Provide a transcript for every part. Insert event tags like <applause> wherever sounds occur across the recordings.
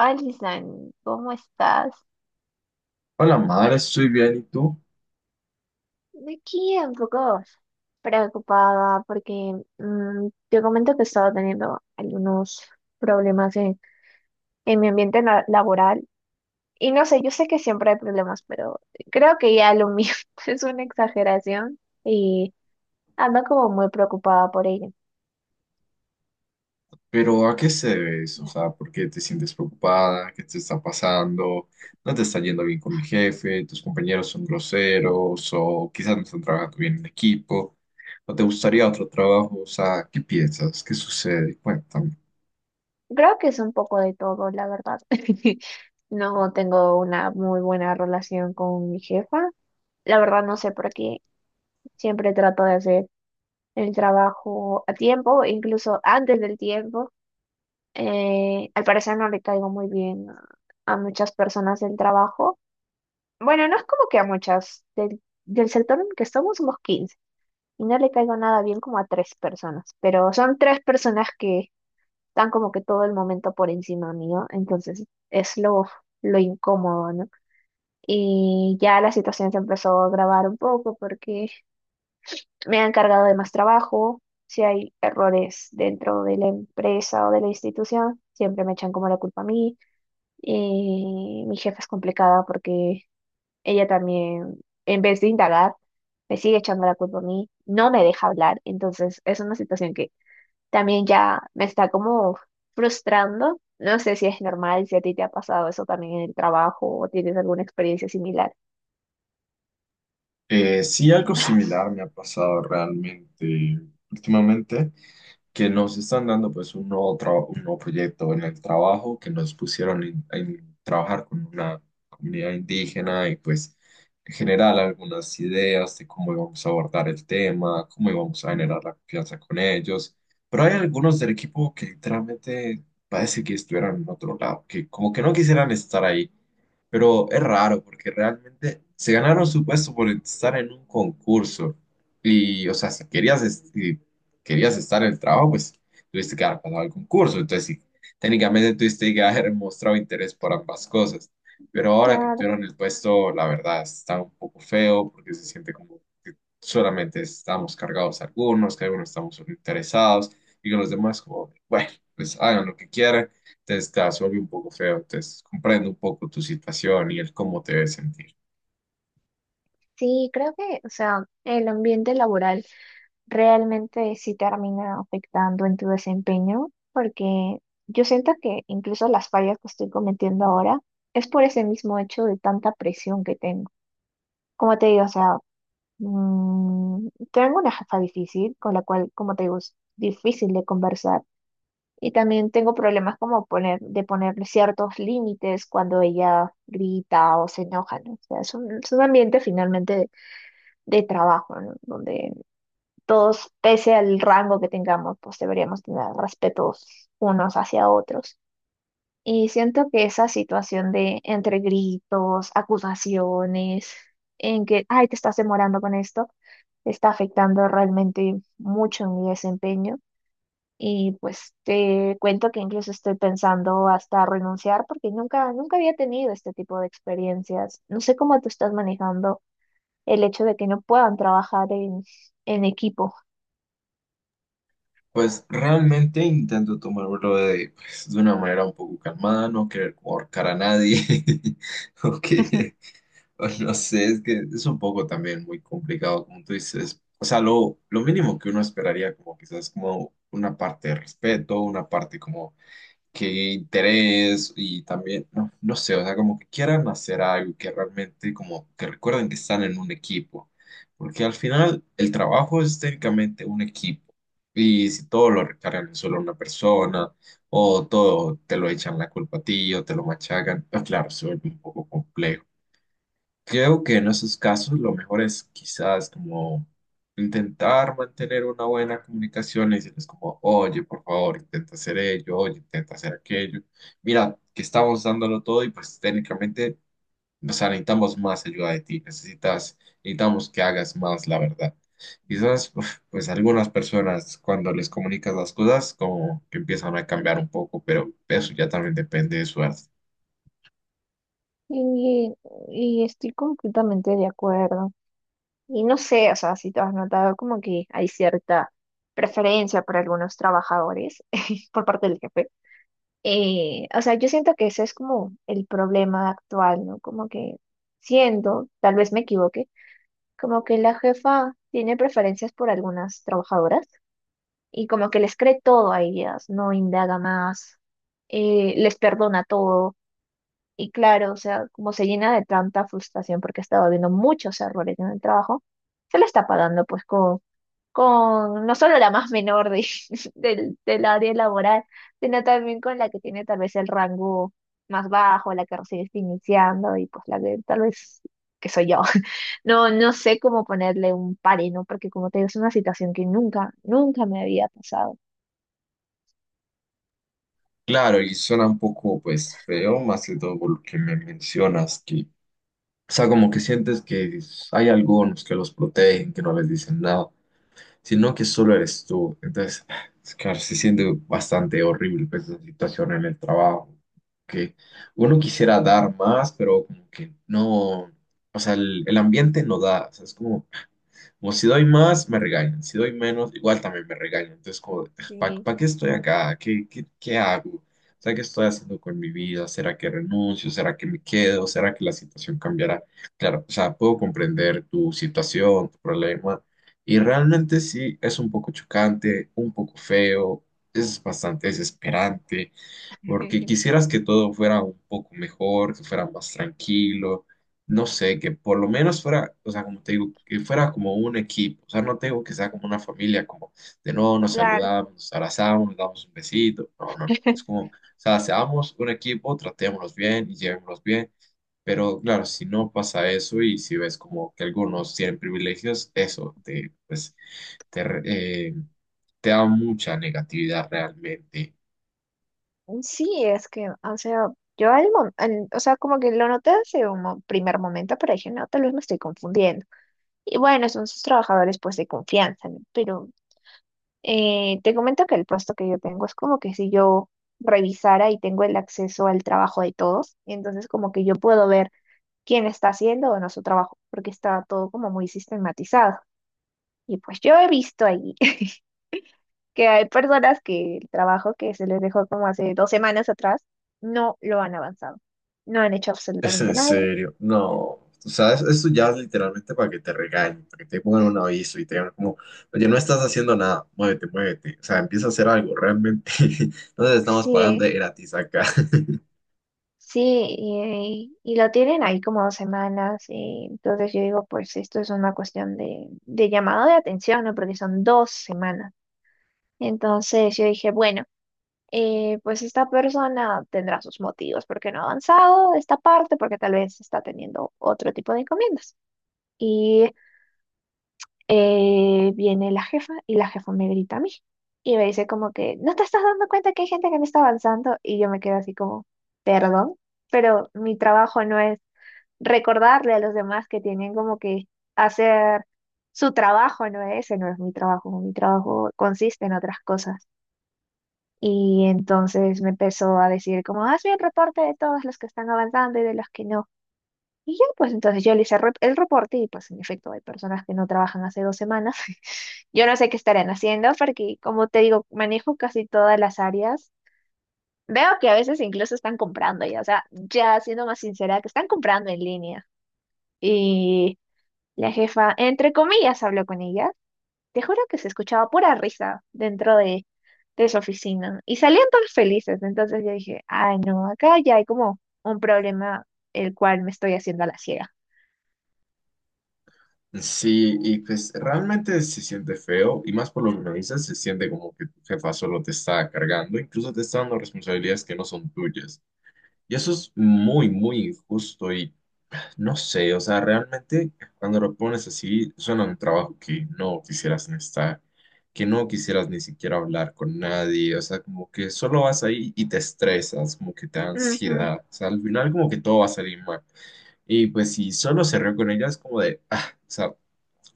Alison, ¿cómo estás? Hola, Mar, estoy bien, ¿y tú? Aquí un poco preocupada porque te comento que he estado teniendo algunos problemas en mi ambiente laboral. Y no sé, yo sé que siempre hay problemas, pero creo que ya lo mío <laughs> es una exageración y ando como muy preocupada por ello. Pero ¿a qué se debe eso? O sea, ¿por qué te sientes preocupada? ¿Qué te está pasando? ¿No te está yendo bien con el jefe? ¿Tus compañeros son groseros? ¿O quizás no están trabajando bien en equipo? ¿O te gustaría otro trabajo? O sea, ¿qué piensas? ¿Qué sucede? Cuéntame. Creo que es un poco de todo, la verdad. <laughs> No tengo una muy buena relación con mi jefa. La verdad no sé por qué. Siempre trato de hacer el trabajo a tiempo, incluso antes del tiempo. Al parecer no le caigo muy bien a muchas personas del trabajo. Bueno, no es como que a muchas. Del sector en el que estamos somos 15 y no le caigo nada bien como a tres personas, pero son tres personas que están como que todo el momento por encima mío, entonces es lo incómodo, ¿no? Y ya la situación se empezó a agravar un poco porque me han cargado de más trabajo. Si hay errores dentro de la empresa o de la institución, siempre me echan como la culpa a mí. Y mi jefa es complicada porque ella también, en vez de indagar, me sigue echando la culpa a mí, no me deja hablar, entonces es una situación que también ya me está como frustrando. No sé si es normal, si a ti te ha pasado eso también en el trabajo o tienes alguna experiencia similar. Sí, algo similar me ha pasado realmente últimamente, que nos están dando pues un un nuevo proyecto en el trabajo, que nos pusieron en trabajar con una comunidad indígena y pues en general algunas ideas de cómo íbamos a abordar el tema, cómo íbamos a generar la confianza con ellos, pero hay algunos del equipo que literalmente parece que estuvieran en otro lado, que como que no quisieran estar ahí. Pero es raro porque realmente se ganaron su puesto por estar en un concurso. Y, o sea, si si querías estar en el trabajo, pues tuviste que haber pasado el concurso. Entonces, sí, técnicamente tuviste que haber <laughs> mostrado interés por ambas cosas. Pero ahora que Claro. obtuvieron el puesto, la verdad está un poco feo porque se siente como que solamente estamos cargados algunos, que algunos estamos solo interesados y que los demás, como, bueno, pues hagan lo que quieran, entonces te vas a volver un poco feo, entonces comprendo un poco tu situación y el cómo te debes sentir. Sí, creo que, o sea, el ambiente laboral realmente sí termina afectando en tu desempeño, porque yo siento que incluso las fallas que estoy cometiendo ahora es por ese mismo hecho de tanta presión que tengo. Como te digo, o sea, tengo una jefa difícil, con la cual, como te digo, es difícil de conversar. Y también tengo problemas como ponerle ciertos límites cuando ella grita o se enoja, ¿no? O sea, es un ambiente finalmente de trabajo, ¿no? Donde todos, pese al rango que tengamos, pues deberíamos tener respetos unos hacia otros. Y siento que esa situación de entre gritos, acusaciones, en que, ay, te estás demorando con esto, está afectando realmente mucho en mi desempeño. Y pues te cuento que incluso estoy pensando hasta renunciar porque nunca, nunca había tenido este tipo de experiencias. No sé cómo tú estás manejando el hecho de que no puedan trabajar en equipo. Pues realmente intento tomármelo de, pues, de una manera un poco calmada, no querer como ahorcar a nadie, <laughs> o que, <laughs> o no sé, es que es un poco también muy complicado, como tú dices. O sea, lo mínimo que uno esperaría como quizás como una parte de respeto, una parte como qué interés y también, no, no sé, o sea, como que quieran hacer algo que realmente como que recuerden que están en un equipo, porque al final el trabajo es técnicamente un equipo y si todo lo recargan en solo una persona o todo te lo echan la culpa a ti o te lo machacan, pues claro, se vuelve un poco complejo. Creo que en esos casos lo mejor es quizás como intentar mantener una buena comunicación y decirles como, oye, por favor, intenta hacer ello, oye, intenta hacer aquello. Mira, que estamos dándolo todo y pues técnicamente, o sea, necesitamos más ayuda de ti, necesitas, necesitamos que hagas más, la verdad. Quizás, uf, pues algunas personas cuando les comunicas las cosas como que empiezan a cambiar un poco, pero eso ya también depende de suerte. Y, y estoy completamente de acuerdo. Y no sé, o sea, si tú has notado como que hay cierta preferencia por algunos trabajadores <laughs> por parte del jefe. O sea, yo siento que ese es como el problema actual, ¿no? Como que siento, tal vez me equivoque, como que la jefa tiene preferencias por algunas trabajadoras y como que les cree todo a ellas, no indaga más, les perdona todo. Y claro, o sea, como se llena de tanta frustración porque estaba viendo muchos errores en el trabajo, se la está pagando pues con no solo la más menor de, <laughs> del área laboral, sino también con la que tiene tal vez el rango más bajo, la que recién está iniciando y pues la que tal vez que soy yo. <laughs> No sé cómo ponerle un pare, ¿no? Porque como te digo, es una situación que nunca, nunca me había pasado. Claro, y suena un poco pues feo, más que todo por lo que me mencionas, que, o sea, como que sientes que hay algunos que los protegen, que no les dicen nada, sino que solo eres tú. Entonces, <sighs> claro, se siente bastante horrible pues, esa situación en el trabajo, que uno quisiera dar más, pero como que no, o sea, el ambiente no da, o sea, es como como si doy más, me regañan. Si doy menos, igual también me regañan. Entonces, como, Sí, ¿para qué estoy acá? ¿Qué, qué hago? O sea, ¿qué estoy haciendo con mi vida? ¿Será que renuncio? ¿Será que me quedo? ¿Será que la situación cambiará? Claro, o sea, puedo comprender tu situación, tu problema. Y realmente sí, es un poco chocante, un poco feo, es bastante desesperante porque <laughs> quisieras que todo fuera un poco mejor, que fuera más tranquilo, no sé, que por lo menos fuera, o sea, como te digo, que fuera como un equipo, o sea, no tengo que sea como una familia, como de no, nos claro. saludamos, nos abrazamos, nos damos un besito, no, no, no, es como, <laughs> o sea, seamos un equipo, tratémonos bien y llevémonos bien. Pero claro, si no pasa eso y si ves como que algunos tienen privilegios, eso te, pues, te, re- eh, te da mucha negatividad realmente. Sí, es que, o sea, yo o sea, como que lo noté hace primer momento, pero dije, no, tal vez me estoy confundiendo. Y bueno, son sus trabajadores, pues, de confianza, ¿no? Pero te comento que el puesto que yo tengo es como que si yo revisara y tengo el acceso al trabajo de todos, entonces como que yo puedo ver quién está haciendo o no su trabajo, porque está todo como muy sistematizado. Y pues yo he visto ahí que hay personas que el trabajo que se les dejó como hace dos semanas atrás no lo han avanzado, no han hecho Es absolutamente en nada. serio, no. O sea, esto ya es literalmente para que te regañen, para que te pongan un aviso y te digan como, oye, no estás haciendo nada, muévete, muévete. O sea, empieza a hacer algo, realmente. <laughs> No te estamos Sí, pagando de gratis acá. <laughs> sí, y lo tienen ahí como dos semanas, y entonces yo digo, pues esto es una cuestión de llamado de atención, ¿no? Porque son dos semanas. Entonces yo dije, bueno. Eh, pues esta persona tendrá sus motivos porque no ha avanzado esta parte, porque tal vez está teniendo otro tipo de encomiendas. Y viene la jefa y la jefa me grita a mí y me dice como que, ¿no te estás dando cuenta que hay gente que no está avanzando? Y yo me quedo así como, perdón, pero mi trabajo no es recordarle a los demás que tienen como que hacer su trabajo, no es mi trabajo consiste en otras cosas. Y entonces me empezó a decir como, haz bien reporte de todos los que están avanzando y de los que no. Y ya, pues entonces yo le hice el reporte y pues en efecto hay personas que no trabajan hace dos semanas. <laughs> Yo no sé qué estarán haciendo porque, como te digo, manejo casi todas las áreas. Veo que a veces incluso están comprando ya, o sea, ya siendo más sincera, que están comprando en línea. Y la jefa, entre comillas, habló con ella. Te juro que se escuchaba pura risa dentro de su oficina y salían todos felices. Entonces yo dije, ay, no, acá ya hay como un problema el cual me estoy haciendo a la ciega. Sí, y pues realmente se siente feo, y más por lo que me dices, se siente como que tu jefa solo te está cargando, incluso te está dando responsabilidades que no son tuyas. Y eso es muy, muy injusto y no sé, o sea, realmente cuando lo pones así, suena un trabajo que no quisieras ni estar, que no quisieras ni siquiera hablar con nadie, o sea, como que solo vas ahí y te estresas, como que te da ansiedad, o sea, al final como que todo va a salir mal. Y pues si solo se rió con ella, es como de, ah, o sea,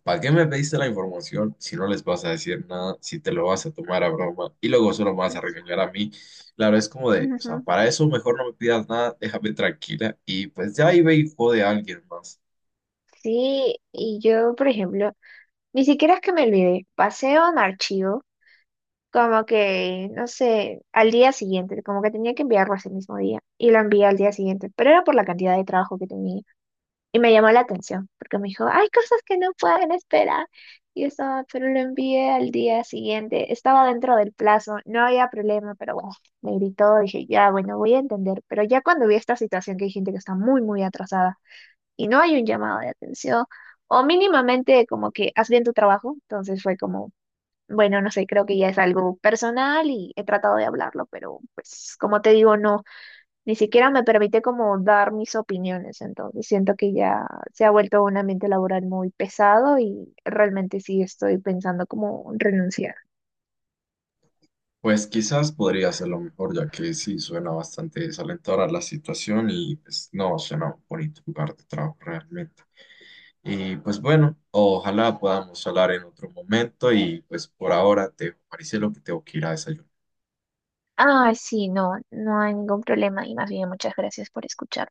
¿para qué me pediste la información si no les vas a decir nada, si te lo vas a tomar a broma y luego solo me vas Ujú. a regañar a mí? Claro, es como de, o sea, Ujú. para eso mejor no me pidas nada, déjame tranquila y pues ya ahí ve y jode a alguien más. Sí, y yo, por ejemplo, ni siquiera es que me olvidé, pasé a un archivo, como que, no sé, al día siguiente, como que tenía que enviarlo ese mismo día, y lo envié al día siguiente, pero era por la cantidad de trabajo que tenía, y me llamó la atención, porque me dijo, hay cosas que no pueden esperar, y yo estaba, pero lo envié al día siguiente, estaba dentro del plazo, no había problema, pero bueno, me gritó, dije, ya, bueno, voy a entender, pero ya cuando vi esta situación que hay gente que está muy, muy atrasada, y no hay un llamado de atención, o mínimamente como que haz bien tu trabajo. Entonces fue como, bueno, no sé, creo que ya es algo personal y he tratado de hablarlo, pero pues como te digo, no, ni siquiera me permite como dar mis opiniones. Entonces siento que ya se ha vuelto un ambiente laboral muy pesado y realmente sí estoy pensando como renunciar. Pues quizás podría ser lo mejor, ya que sí suena bastante desalentadora la situación y pues no suena un bonito lugar de trabajo realmente. Y pues bueno, ojalá podamos hablar en otro momento y pues por ahora te dejo, Maricelo, que tengo que ir a desayunar. Ah, sí, no, no hay ningún problema y más bien muchas gracias por escuchar.